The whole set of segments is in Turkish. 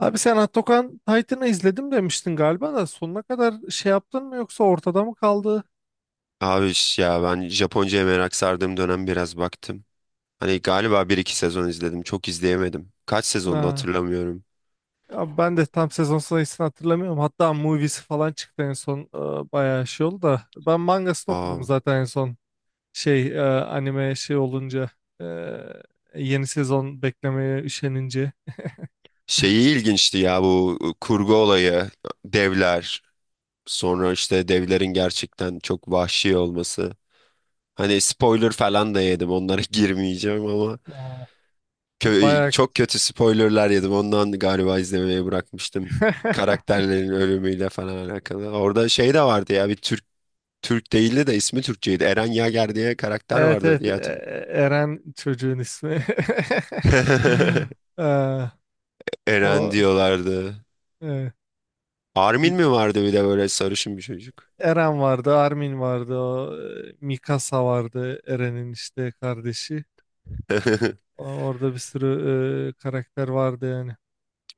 Abi sen Atakan Titan'ı izledim demiştin galiba da sonuna kadar yaptın mı yoksa ortada mı kaldı? Abi ya ben Japonca'ya merak sardığım dönem biraz baktım. Hani galiba bir iki sezon izledim. Çok izleyemedim. Kaç sezonda Ha. hatırlamıyorum. Ya ben de tam sezon sayısını hatırlamıyorum. Hatta moviesi falan çıktı en son. Bayağı oldu da. Ben mangasını okudum Aa, zaten en son. Anime olunca e, yeni sezon beklemeye üşenince. şeyi ilginçti ya bu kurgu olayı. Devler. Sonra işte devlerin gerçekten çok vahşi olması. Hani spoiler falan da yedim. Onlara girmeyeceğim ama Aa. Bayağı çok kötü spoilerlar yedim. Ondan galiba izlemeyi bırakmıştım. Karakterlerin ölümüyle falan alakalı. Orada şey de vardı ya bir Türk değildi de ismi Türkçeydi. Eren Yager diye karakter Evet vardı evet diye hatırlıyorum. Eren çocuğun ismi. Ee, Eren o diyorlardı. e, Armin il- mi vardı bir de böyle sarışın bir çocuk? Eren vardı, Armin vardı, Mikasa vardı, Eren'in işte kardeşi. Orada bir sürü karakter vardı yani.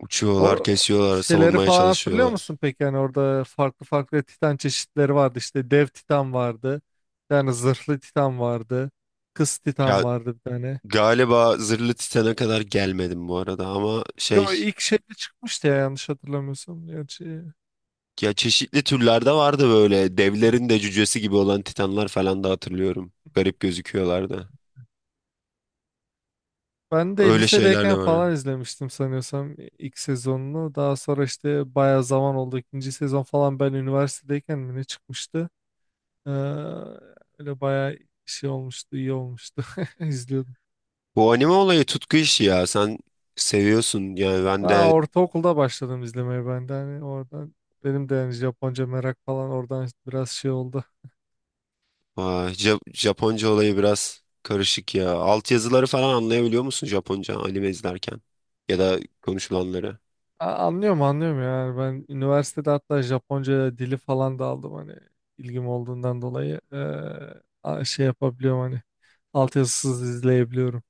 Uçuyorlar, O kesiyorlar, şeyleri savunmaya falan hatırlıyor çalışıyorlar. musun peki? Yani orada farklı farklı Titan çeşitleri vardı. İşte dev Titan vardı. Yani zırhlı Titan vardı. Kız Titan Ya vardı bir tane. galiba Zırhlı Titan'a kadar gelmedim bu arada ama şey, Yo ilk şeyde çıkmıştı ya yanlış hatırlamıyorsam. Gerçi ya çeşitli türlerde vardı böyle devlerin de cücesi gibi olan titanlar falan da hatırlıyorum. Garip gözüküyorlardı. ben de Öyle şeyler lisedeyken de var. falan izlemiştim sanıyorsam ilk sezonunu. Daha sonra işte bayağı zaman oldu. İkinci sezon falan ben üniversitedeyken mi ne çıkmıştı? Ee, öyle bayağı olmuştu, iyi olmuştu. İzliyordum. Bu anime olayı tutku işi ya. Sen seviyorsun yani ben Ha, de. ortaokulda başladım izlemeye ben de. Hani oradan benim de yani Japonca merak falan oradan biraz oldu. Vay, Japonca olayı biraz karışık ya. Altyazıları falan anlayabiliyor musun Japonca anime izlerken? Ya da konuşulanları. Anlıyorum anlıyorum yani ben üniversitede hatta Japonca dili falan da aldım hani ilgim olduğundan dolayı yapabiliyorum hani altyazısız izleyebiliyorum.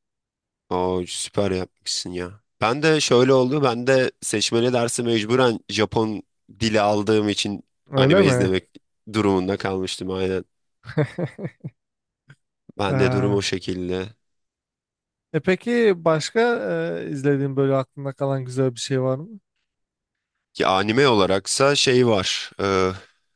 Oo, süper yapmışsın ya. Ben de şöyle oldu. Ben de seçmeli dersi mecburen Japon dili aldığım için Öyle anime mi? izlemek durumunda kalmıştım aynen. Ben de durum o Ha. şekilde. E peki başka izlediğin böyle aklında kalan güzel bir şey var mı? Ki anime olaraksa şey var.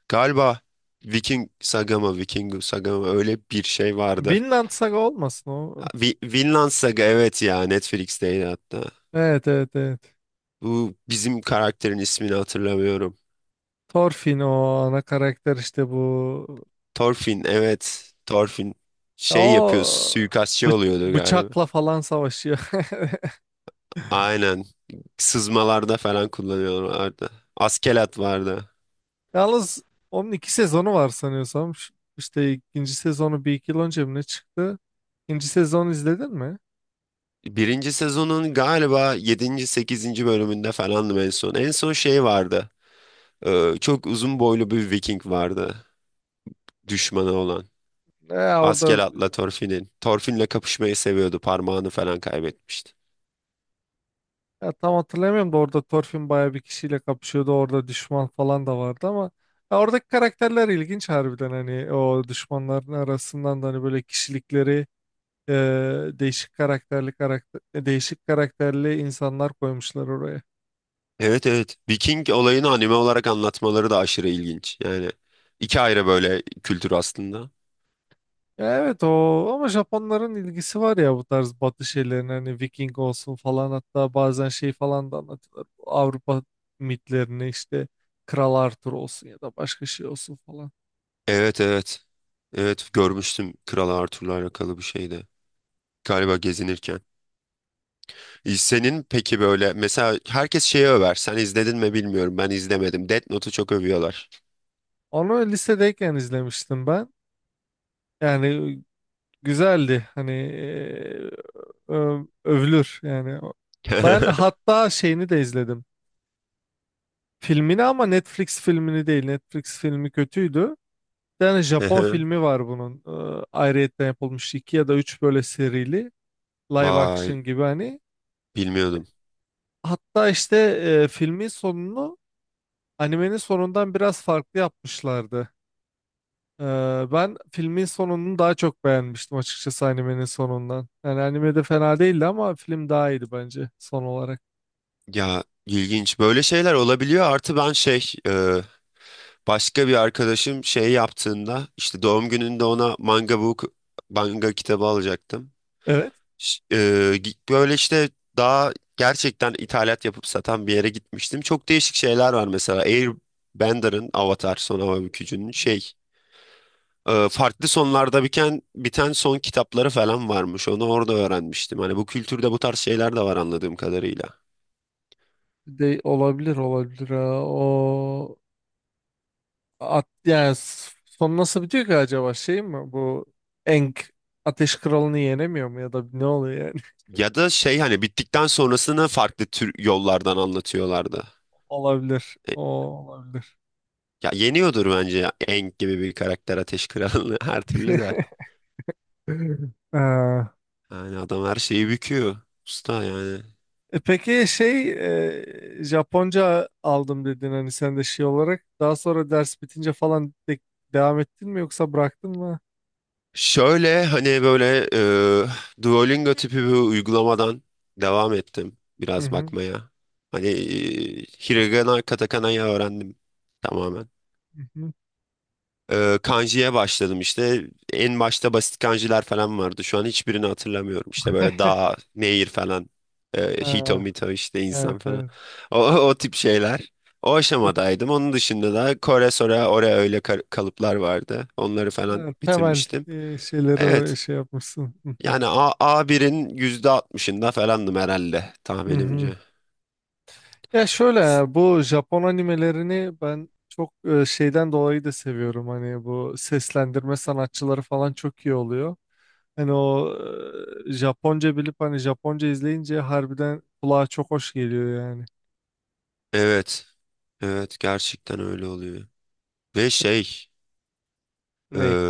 Galiba Viking Sagama, Vikingu Sagama öyle bir şey vardı. Vinland Saga olmasın o. Vinland Saga, evet, ya Netflix'teydi hatta. Evet evet evet. Bu bizim karakterin ismini hatırlamıyorum. Thorfinn o ana karakter işte bu. Thorfinn, evet, Thorfinn şey yapıyor, O suikastçı bı- oluyordu galiba. bıçakla falan savaşıyor. Aynen, sızmalarda falan kullanıyorlardı. Askelat vardı. Yalnız onun iki sezonu var sanıyorsam. İşte ikinci sezonu bir iki yıl önce mi ne çıktı? İkinci sezonu izledin mi? Birinci sezonun galiba yedinci sekizinci bölümünde falandım en son. En son şey vardı. Çok uzun boylu bir Viking vardı, düşmanı olan. Orada Askelat'la Torfin'in. Torfin'le kapışmayı seviyordu. Parmağını falan kaybetmişti. ya tam hatırlamıyorum da orada Thorfinn bayağı bir kişiyle kapışıyordu. Orada düşman falan da vardı ama ya oradaki karakterler ilginç harbiden hani o düşmanların arasından da hani böyle kişilikleri e, değişik karakterli insanlar koymuşlar oraya. Evet, evet. Viking olayını anime olarak anlatmaları da aşırı ilginç. Yani iki ayrı böyle kültür aslında. Evet o ama Japonların ilgisi var ya bu tarz batı şeylerine hani Viking olsun falan hatta bazen şey falan da anlatıyorlar. Bu Avrupa mitlerini işte Kral Arthur olsun ya da başka şey olsun falan. Evet, evet. Evet, görmüştüm, Kral Arthur'la alakalı bir şeydi. Galiba gezinirken. E, senin peki böyle mesela herkes şeyi över. Sen izledin mi bilmiyorum. Ben izlemedim. Death Note'u çok övüyorlar. Onu lisedeyken izlemiştim ben. Yani güzeldi hani övülür yani. Ben hatta şeyini de izledim. Filmini ama Netflix filmini değil. Netflix filmi kötüydü. Bir tane Japon Ehe. filmi var bunun. Ayrıyetten yapılmış iki ya da üç böyle serili. Live Vay, action gibi hani. bilmiyordum. Hatta işte filmin sonunu animenin sonundan biraz farklı yapmışlardı. Ee, ben filmin sonunu daha çok beğenmiştim açıkçası animenin sonundan. Yani animede fena değildi ama film daha iyiydi bence son olarak. Ya ilginç böyle şeyler olabiliyor. Artı ben şey, başka bir arkadaşım şey yaptığında işte doğum gününde ona manga manga kitabı alacaktım. Evet. Ş- e, Böyle işte daha gerçekten ithalat yapıp satan bir yere gitmiştim. Çok değişik şeyler var mesela. Airbender'ın Avatar Son Hava Bükücü'nün şey, farklı sonlarda biten son kitapları falan varmış. Onu orada öğrenmiştim. Hani bu kültürde bu tarz şeyler de var anladığım kadarıyla. De olabilir olabilir. Ha. Yani son nasıl bitiyor ki acaba şey mi bu Eng Ateş Kralı'nı yenemiyor mu ya da ne oluyor yani? Ya da şey, hani bittikten sonrasını farklı tür yollardan anlatıyorlardı. Olabilir. E, O olabilir. Ya yeniyordur bence ya. Aang gibi bir karakter Ateş Kralı'nı her türlü de. Ee, Yani adam her şeyi büküyor. Usta yani. e peki Japonca aldım dedin hani sen de şey olarak daha sonra ders bitince falan devam ettin mi yoksa bıraktın mı? Şöyle hani böyle, Duolingo tipi bir uygulamadan devam ettim Hı biraz hı. bakmaya. Hani, Hiragana, Katakana'yı öğrendim tamamen. Hı hı. E, kanji'ye başladım işte. En başta basit kanjiler falan vardı. Şu an hiçbirini hatırlamıyorum. İşte böyle dağ, nehir falan. E, Ee, hito mito işte insan evet, falan. evet. O tip şeyler. O aşamadaydım. Onun dışında da Kore, Sora, Ore öyle kalıplar vardı. Onları falan Ya, temel bitirmiştim. Şeyleri Evet. Yapmışsın. Hı hı. Yani A, A1'in %60'ında falandım herhalde Hı hı. tahminimce. Ya şöyle S- ya, bu Japon animelerini ben çok şeyden dolayı da seviyorum. Hani bu seslendirme sanatçıları falan çok iyi oluyor. Hani Japonca bilip hani Japonca izleyince harbiden kulağa çok hoş geliyor yani. Evet, evet, gerçekten öyle oluyor. Ve şey, e, Ney?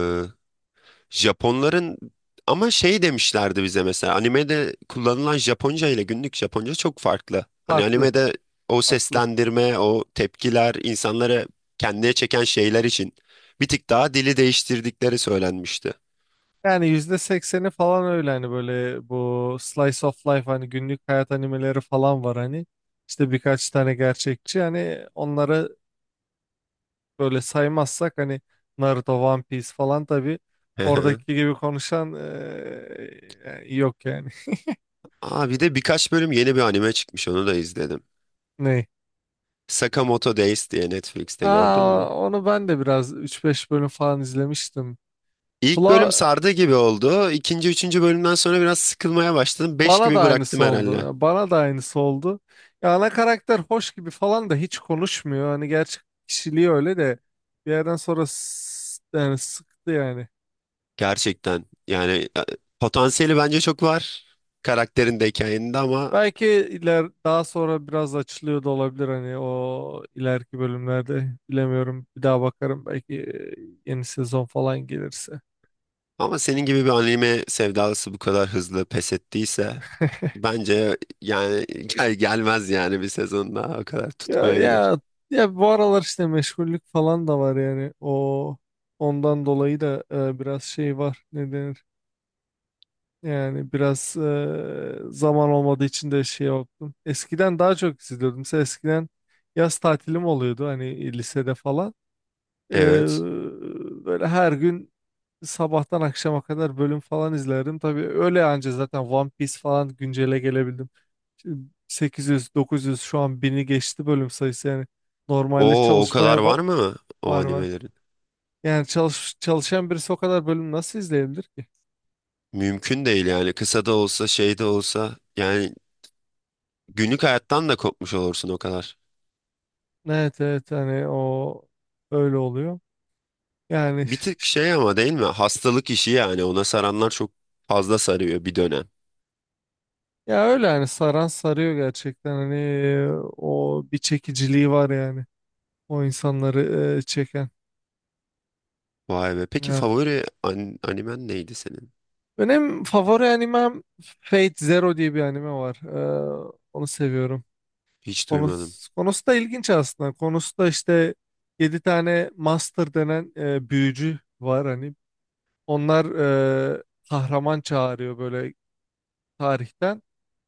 Japonların, ama şey demişlerdi bize mesela animede kullanılan Japonca ile günlük Japonca çok farklı. Hani Farklı. animede o Farklı. seslendirme, o tepkiler insanları kendine çeken şeyler için bir tık daha dili değiştirdikleri söylenmişti. Yani yüzde sekseni falan öyle hani böyle bu slice of life hani günlük hayat animeleri falan var hani. İşte birkaç tane gerçekçi hani onlara böyle saymazsak hani Naruto, One Piece falan tabii Hı hı. oradaki gibi konuşan yani yok yani. Aa, bir de birkaç bölüm yeni bir anime çıkmış, onu da izledim. Ne? Sakamoto Days diye, Netflix'te gördün Aa, mü? onu ben de biraz üç beş bölüm falan izlemiştim. İlk bölüm Bla, sardı gibi oldu. İkinci, üçüncü bölümden sonra biraz sıkılmaya başladım. Beş bana da gibi bıraktım aynısı oldu. herhalde. Ya bana da aynısı oldu. Ya ana karakter hoş gibi falan da hiç konuşmuyor. Hani gerçek kişiliği öyle de bir yerden sonra yani sıktı yani. Gerçekten yani, e, potansiyeli bence çok var. Karakterin de hikayenin de ama, Belki iler daha sonra biraz açılıyor da olabilir hani o ileriki bölümlerde bilemiyorum. Bir daha bakarım belki yeni sezon falan gelirse. ama senin gibi bir anime sevdalısı bu kadar hızlı pes ettiyse, bence yani gel gelmez yani bir sezon daha o kadar Ya tutmayabilir. ya ya bu aralar işte meşgullük falan da var yani o ondan dolayı da biraz şey var, ne denir? Yani biraz zaman olmadığı için de şey yaptım. Eskiden daha çok izliyordum. Mesela eskiden yaz tatilim oluyordu hani lisede falan. E, Evet. böyle her gün sabahtan akşama kadar bölüm falan izlerdim. Tabii öyle anca zaten One Piece falan güncele gelebildim. Şimdi 800, 900 şu an bini geçti bölüm sayısı yani. Normalde O o kadar var mı o var var. animelerin? Yani çalışan birisi o kadar bölüm nasıl izleyebilir ki? Mümkün değil yani, kısa da olsa şey de olsa yani günlük hayattan da kopmuş olursun o kadar. Evet evet hani o öyle oluyor. Yani Bir tık işte- şey ama değil mi? Hastalık işi yani, ona saranlar çok fazla sarıyor bir dönem. ya öyle hani saran sarıyor gerçekten hani o bir çekiciliği var yani. O insanları çeken. Vay be. Peki favori animen neydi senin? Benim favori animem Fate Zero diye bir anime var. Onu seviyorum. Hiç duymadım. Konusu da ilginç aslında. Konusu da işte 7 tane master denen büyücü var hani. Onlar e, kahraman çağırıyor böyle tarihten.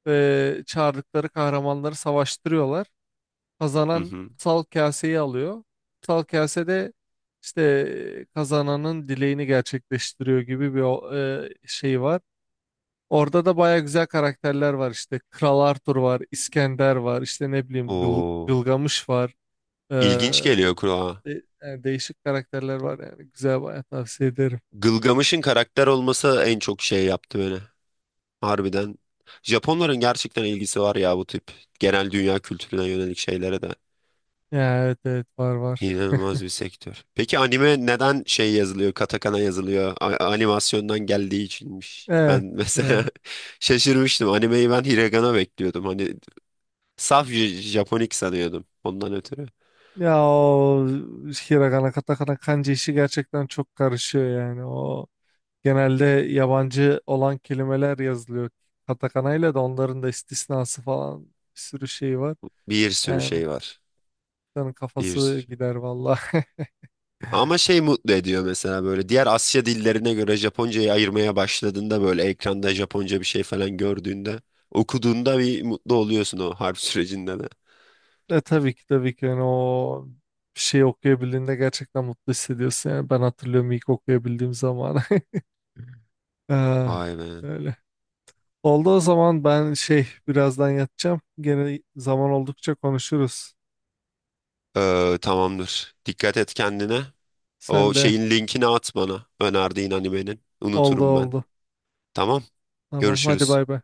Ve çağırdıkları kahramanları savaştırıyorlar. Hı Kazanan hı. kutsal kaseyi alıyor. Kutsal kasede işte kazananın dileğini gerçekleştiriyor gibi bir şey var. Orada da baya güzel karakterler var işte. Kral Arthur var, İskender var, işte ne bileyim O Gılgamış var. Ee, ilginç geliyor kulağa. Yani değişik karakterler var yani. Güzel baya tavsiye ederim. Gılgamış'ın karakter olması en çok şey yaptı beni. Harbiden. Japonların gerçekten ilgisi var ya bu tip genel dünya kültürüne yönelik şeylere de. Ya, evet evet var var. İnanılmaz bir sektör. Peki anime neden şey yazılıyor, katakana yazılıyor? Animasyondan geldiği içinmiş. Ben Evet. mesela Evet. şaşırmıştım. Animeyi ben hiragana bekliyordum. Hani saf Japonik sanıyordum. Ondan ötürü. Ya o Hiragana, Katakana, Kanji işi gerçekten çok karışıyor yani. O genelde yabancı olan kelimeler yazılıyor. Katakana ile de onların da istisnası falan bir sürü şey var. Bir sürü Yani şey var. insanın Bir kafası sürü. gider vallahi. Ama şey mutlu ediyor mesela, böyle diğer Asya dillerine göre Japoncayı ayırmaya başladığında, böyle ekranda Japonca bir şey falan gördüğünde, okuduğunda bir mutlu oluyorsun o harf sürecinde de. Tabii ki tabii ki yani o bir şey okuyabildiğinde gerçekten mutlu hissediyorsun. Yani ben hatırlıyorum ilk okuyabildiğim zaman. Ah, Vay be. öyle. Oldu o zaman ben şey birazdan yatacağım. Gene zaman oldukça konuşuruz. Tamamdır. Dikkat et kendine. O Sen de şeyin linkini at bana, önerdiğin animenin. oldu Unuturum ben. oldu. Tamam. Tamam hadi Görüşürüz. bay bay.